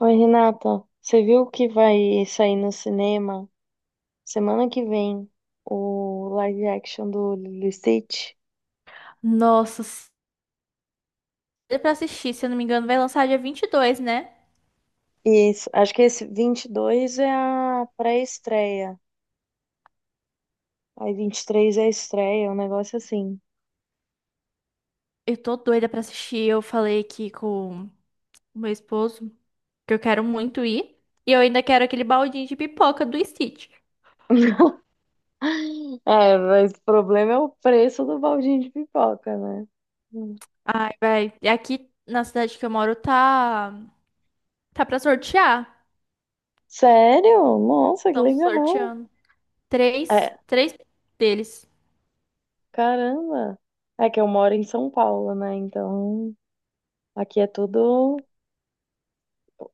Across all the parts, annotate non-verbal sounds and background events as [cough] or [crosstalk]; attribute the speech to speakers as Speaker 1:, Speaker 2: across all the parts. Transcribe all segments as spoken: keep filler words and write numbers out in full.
Speaker 1: Oi, Renata, você viu que vai sair no cinema semana que vem o live action do Lilo e Stitch?
Speaker 2: Nossa, se- doida pra assistir, se eu não me engano, vai lançar dia vinte e dois, né?
Speaker 1: E esse- acho que esse vinte e dois é a pré-estreia, aí vinte e três é a estreia, um negócio assim.
Speaker 2: Eu tô doida pra assistir. Eu falei aqui com o meu esposo que eu quero muito ir. E eu ainda quero aquele baldinho de pipoca do Stitch.
Speaker 1: [laughs] É, mas o problema é o preço do baldinho de pipoca, né? Hum.
Speaker 2: Ai, vai. E aqui na cidade que eu moro tá. Tá pra sortear.
Speaker 1: Sério? Nossa, que
Speaker 2: Estão
Speaker 1: legal!
Speaker 2: sorteando. Três.
Speaker 1: É,
Speaker 2: Três deles.
Speaker 1: caramba! É que eu moro em São Paulo, né? Então aqui é tudo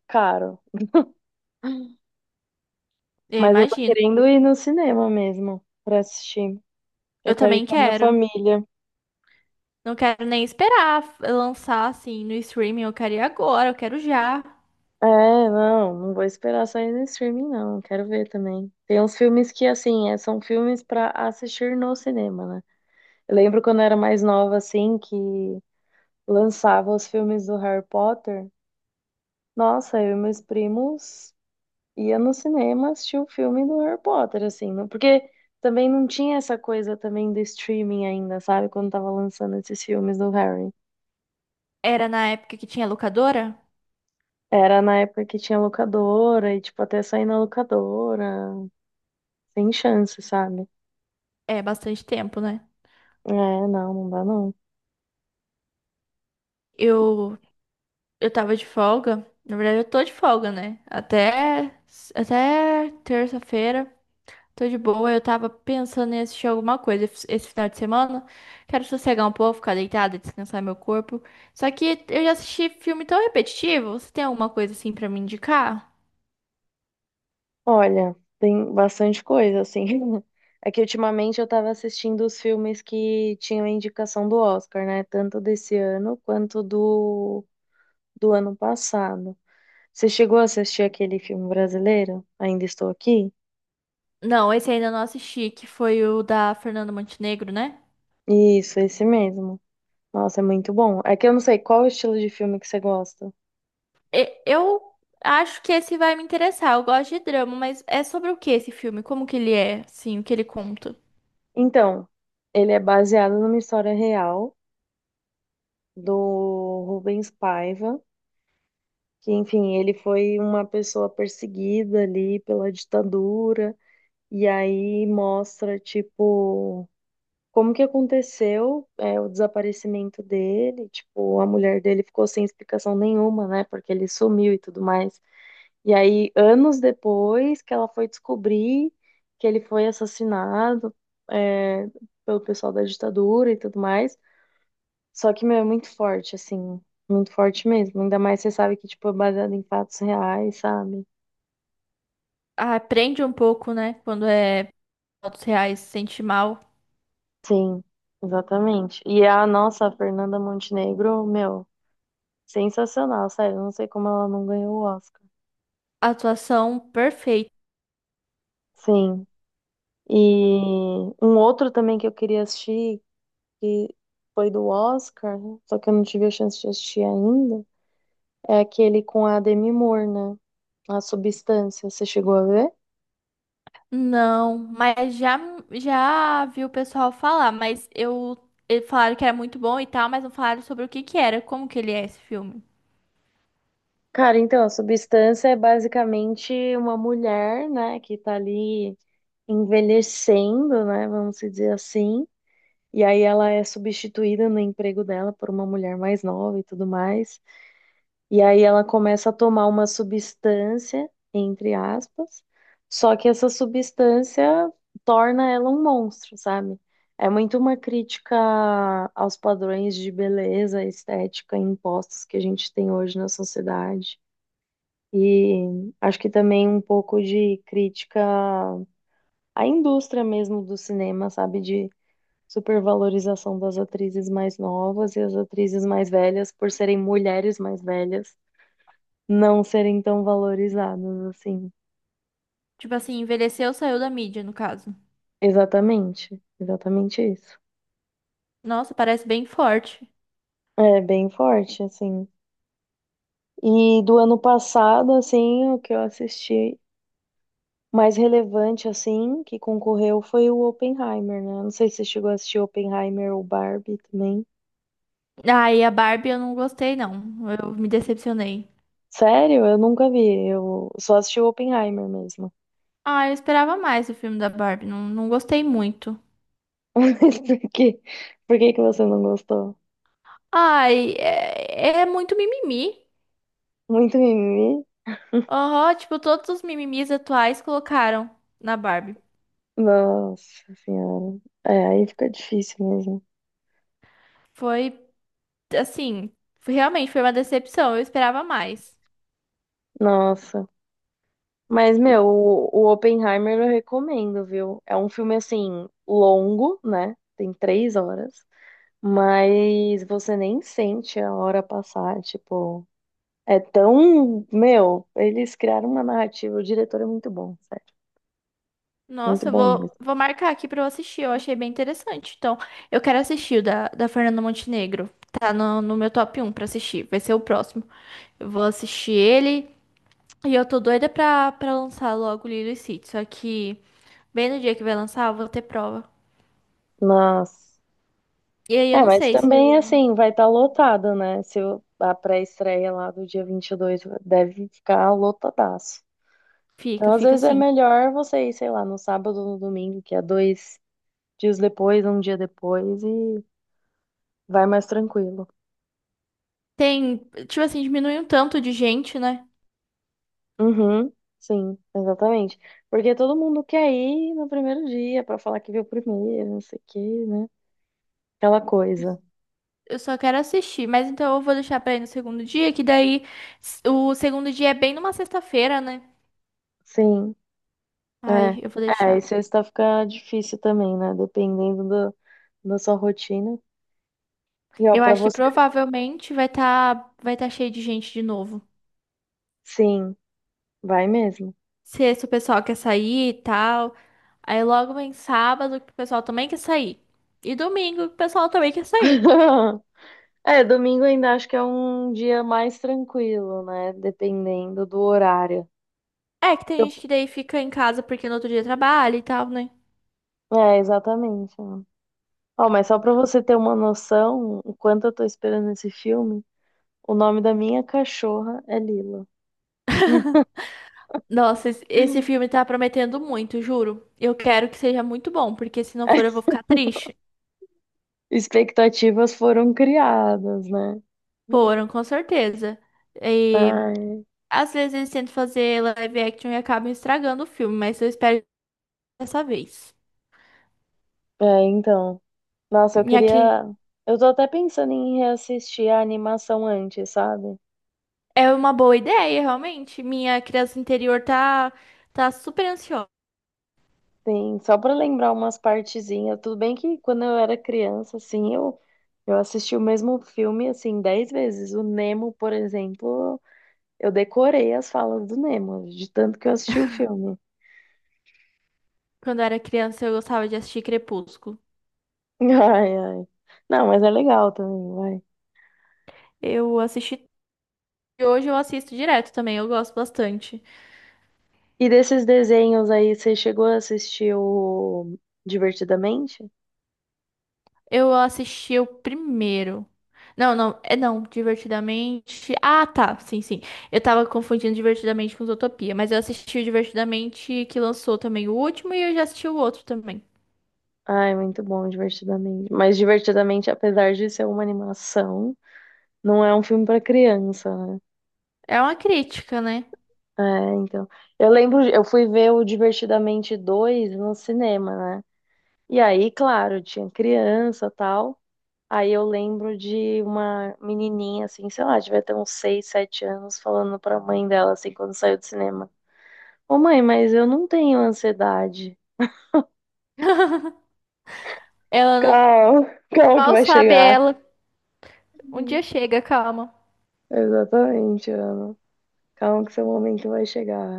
Speaker 1: caro.
Speaker 2: Eu
Speaker 1: Mas eu tô
Speaker 2: imagino.
Speaker 1: querendo ir no cinema mesmo pra assistir. Eu
Speaker 2: Eu
Speaker 1: quero ir
Speaker 2: também
Speaker 1: com a minha
Speaker 2: quero.
Speaker 1: família.
Speaker 2: Não quero nem esperar f- lançar assim no streaming. Eu quero ir agora, eu quero já.
Speaker 1: É, não, não vou esperar sair no streaming, não. Quero ver também. Tem uns filmes que, assim, é, são filmes pra assistir no cinema, né? Eu lembro quando eu era mais nova, assim, que lançava os filmes do Harry Potter. Nossa, eu e meus primos ia no cinema assistir o filme do Harry Potter, assim, não- porque também não tinha essa coisa também do streaming ainda, sabe? Quando tava lançando esses filmes do Harry.
Speaker 2: Era na época que tinha locadora?
Speaker 1: Era na época que tinha locadora e, tipo, até sair na locadora, sem chance, sabe?
Speaker 2: É bastante tempo, né?
Speaker 1: É, não, não dá não.
Speaker 2: Eu eu tava de folga. Na verdade, eu tô de folga, né? Até até terça-feira. Tô de boa. Eu tava pensando em assistir alguma coisa esse esse final de semana. Quero sossegar um pouco, ficar deitada, descansar meu corpo. Só que eu já assisti filme tão repetitivo. Você tem alguma coisa assim pra me indicar?
Speaker 1: Olha, tem bastante coisa, assim. [laughs] É que ultimamente eu tava assistindo os filmes que tinham a indicação do Oscar, né? Tanto desse ano quanto do, do ano passado. Você chegou a assistir aquele filme brasileiro? Ainda Estou Aqui?
Speaker 2: Não, esse ainda não assisti, que foi o da Fernanda Montenegro, né?
Speaker 1: Isso, esse mesmo. Nossa, é muito bom. É que eu não sei qual o estilo de filme que você gosta.
Speaker 2: E- Eu acho que esse vai me interessar. Eu gosto de drama, mas é sobre o que esse filme? Como que ele é, assim, o que ele conta?
Speaker 1: Então, ele é baseado numa história real do Rubens Paiva, que, enfim, ele foi uma pessoa perseguida ali pela ditadura, e aí mostra, tipo, como que aconteceu, é, o desaparecimento dele, tipo, a mulher dele ficou sem explicação nenhuma, né, porque ele sumiu e tudo mais. E aí, anos depois que ela foi descobrir que ele foi assassinado, é, pelo pessoal da ditadura e tudo mais. Só que, meu, é muito forte, assim. Muito forte mesmo. Ainda mais você sabe que, tipo, é baseado em fatos reais, sabe?
Speaker 2: Ah, prende um pouco, né? Quando é fatos reais, se sente mal.
Speaker 1: Sim, exatamente. E a nossa Fernanda Montenegro, meu, sensacional, sério. Não sei como ela não ganhou o Oscar.
Speaker 2: Atuação perfeita.
Speaker 1: Sim. E um outro também que eu queria assistir, que foi do Oscar, só que eu não tive a chance de assistir ainda, é aquele com a Demi Moore, né? A Substância. Você chegou a ver?
Speaker 2: Não, mas já já vi o pessoal falar, mas eu eles falaram que era muito bom e tal, mas não falaram sobre o que que era, como que ele é esse filme.
Speaker 1: Cara, então, a substância é basicamente uma mulher, né, que tá ali envelhecendo, né, vamos se dizer assim. E aí ela é substituída no emprego dela por uma mulher mais nova e tudo mais. E aí ela começa a tomar uma substância, entre aspas, só que essa substância torna ela um monstro, sabe? É muito uma crítica aos padrões de beleza estética impostos que a gente tem hoje na sociedade. E acho que também um pouco de crítica à indústria mesmo do cinema, sabe? De supervalorização das atrizes mais novas e as atrizes mais velhas, por serem mulheres mais velhas, não serem tão valorizadas assim.
Speaker 2: Tipo assim, envelheceu, saiu da mídia, no caso.
Speaker 1: Exatamente, exatamente isso.
Speaker 2: Nossa, parece bem forte.
Speaker 1: É bem forte, assim. E do ano passado, assim, o que eu assisti mais relevante, assim, que concorreu foi o Oppenheimer, né? Não sei se você chegou a assistir Oppenheimer ou Barbie também.
Speaker 2: Ah, e a Barbie eu não gostei, não. Eu me decepcionei.
Speaker 1: Sério? Eu nunca vi. Eu só assisti o Oppenheimer mesmo.
Speaker 2: Ah, eu esperava mais o filme da Barbie. Não, não gostei muito.
Speaker 1: [laughs] Mas por quê? Por que que você não gostou?
Speaker 2: Ai, é, é muito mimimi.
Speaker 1: Muito mimimi?
Speaker 2: Aham, tipo, todos os mimimis atuais colocaram na Barbie.
Speaker 1: Nossa senhora. É, aí fica difícil mesmo.
Speaker 2: Foi, assim, foi- realmente foi uma decepção. Eu esperava mais.
Speaker 1: Nossa. Mas,
Speaker 2: E,
Speaker 1: meu, o, o Oppenheimer eu recomendo, viu? É um filme, assim, longo, né? Tem três horas. Mas você nem sente a hora passar, tipo... É tão... Meu, eles criaram uma narrativa. O diretor é muito bom, sério. Muito
Speaker 2: nossa, eu
Speaker 1: bom
Speaker 2: vou,
Speaker 1: mesmo.
Speaker 2: vou marcar aqui pra eu assistir. Eu achei bem interessante. Então, eu quero assistir o da, da Fernanda Montenegro. Tá no, no meu top um pra assistir. Vai ser o próximo. Eu vou assistir ele. E eu tô doida pra, pra lançar logo Lilo e Stitch, só que bem no dia que vai lançar, eu vou ter prova.
Speaker 1: Nossa.
Speaker 2: E aí eu
Speaker 1: É,
Speaker 2: não
Speaker 1: mas
Speaker 2: sei se
Speaker 1: também,
Speaker 2: eu...
Speaker 1: assim, vai estar lotado, né? Se o- a pré-estreia lá do dia vinte e dois deve ficar lotadaço.
Speaker 2: fica,
Speaker 1: Então, às
Speaker 2: fica
Speaker 1: vezes é
Speaker 2: assim.
Speaker 1: melhor você ir, sei lá, no sábado ou no domingo, que é dois dias depois, um dia depois, e vai mais tranquilo.
Speaker 2: Tem, tipo assim, diminui um tanto de gente, né?
Speaker 1: Uhum, sim, exatamente. Porque todo mundo quer ir no primeiro dia pra falar que viu primeiro, não sei o quê, né? Aquela coisa.
Speaker 2: Eu só quero assistir, mas então eu vou deixar pra ir no segundo dia, que daí s- o segundo dia é bem numa sexta-feira, né?
Speaker 1: Sim, é.
Speaker 2: Ai, eu vou
Speaker 1: É, e
Speaker 2: deixar.
Speaker 1: sexta fica difícil também, né? Dependendo do, da sua rotina. E ó,
Speaker 2: Eu
Speaker 1: pra
Speaker 2: acho que
Speaker 1: você.
Speaker 2: provavelmente vai tá, vai tá cheio de gente de novo.
Speaker 1: Sim, vai mesmo.
Speaker 2: Sexta o pessoal quer sair e tal. Aí logo vem sábado que o pessoal também quer sair. E domingo que o pessoal também quer sair.
Speaker 1: [laughs] É, domingo ainda acho que é um dia mais tranquilo, né? Dependendo do horário.
Speaker 2: É que tem
Speaker 1: Eu-
Speaker 2: gente que daí fica em casa porque no outro dia trabalha e tal, né?
Speaker 1: É, exatamente. Ó. Ó, mas só pra você ter uma noção, o quanto eu tô esperando esse filme, o nome da minha cachorra é Lila.
Speaker 2: Nossa, es- esse
Speaker 1: [laughs]
Speaker 2: filme tá prometendo muito, juro. Eu quero que seja muito bom, porque se não for eu vou ficar triste.
Speaker 1: Expectativas foram criadas, né?
Speaker 2: Foram, com certeza. E
Speaker 1: Ai,
Speaker 2: às vezes eles tentam fazer live action e acabam estragando o filme, mas eu espero dessa vez.
Speaker 1: é, então. Nossa, eu
Speaker 2: E aqui.
Speaker 1: queria. Eu tô até pensando em reassistir a animação antes, sabe?
Speaker 2: É uma boa ideia, realmente. Minha criança interior tá, tá super ansiosa.
Speaker 1: Sim, só para lembrar umas partezinhas. Tudo bem que quando eu era criança, assim, eu, eu assisti o mesmo filme, assim, dez vezes. O Nemo, por exemplo, eu decorei as falas do Nemo, de tanto que eu assisti o filme.
Speaker 2: Quando eu era criança, eu gostava de assistir Crepúsculo.
Speaker 1: [laughs] Ai, ai. Não, mas é legal também, vai.
Speaker 2: Eu assisti. E hoje eu assisto direto também, eu gosto bastante.
Speaker 1: E desses desenhos aí, você chegou a assistir o Divertidamente?
Speaker 2: Eu assisti o primeiro. Não, não, é não, Divertidamente. Ah, tá, sim, sim. Eu tava confundindo Divertidamente com Zootopia, mas eu assisti o Divertidamente que lançou também o último e eu já assisti o outro também.
Speaker 1: Ai, muito bom, Divertidamente. Mas Divertidamente, apesar de ser uma animação, não é um filme para criança, né?
Speaker 2: É uma crítica, né?
Speaker 1: É, então. Eu lembro, eu fui ver o Divertidamente dois no cinema, né? E aí, claro, tinha criança tal. Aí eu lembro de uma menininha, assim, sei lá, devia ter uns seis, sete anos, falando pra mãe dela, assim, quando saiu do cinema: Ô mãe, mas eu não tenho ansiedade.
Speaker 2: [laughs] Ela não...
Speaker 1: Calma, [laughs] calma que
Speaker 2: Mal
Speaker 1: vai
Speaker 2: sabe
Speaker 1: chegar.
Speaker 2: ela. Um dia
Speaker 1: Uhum.
Speaker 2: chega, calma.
Speaker 1: Exatamente, Ana. Calma que seu momento vai chegar.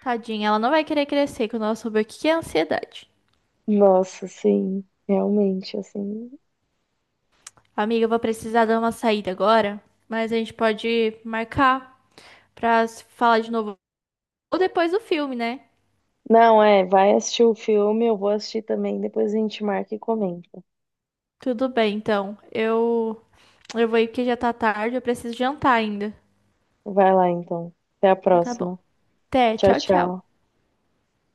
Speaker 2: Tadinha, ela não vai querer crescer quando ela souber o que que é ansiedade.
Speaker 1: Nossa, sim, realmente, assim.
Speaker 2: Amiga, eu vou precisar dar uma saída agora, mas a gente pode marcar pra se falar de novo ou depois do filme, né?
Speaker 1: Não, é, vai assistir o filme, eu vou assistir também, depois a gente marca e comenta.
Speaker 2: Tudo bem, então. Eu eu vou ir porque já tá tarde, eu preciso jantar ainda.
Speaker 1: Vai lá então. Até a
Speaker 2: Então tá bom.
Speaker 1: próxima.
Speaker 2: Até,
Speaker 1: Tchau,
Speaker 2: tchau, tchau.
Speaker 1: tchau.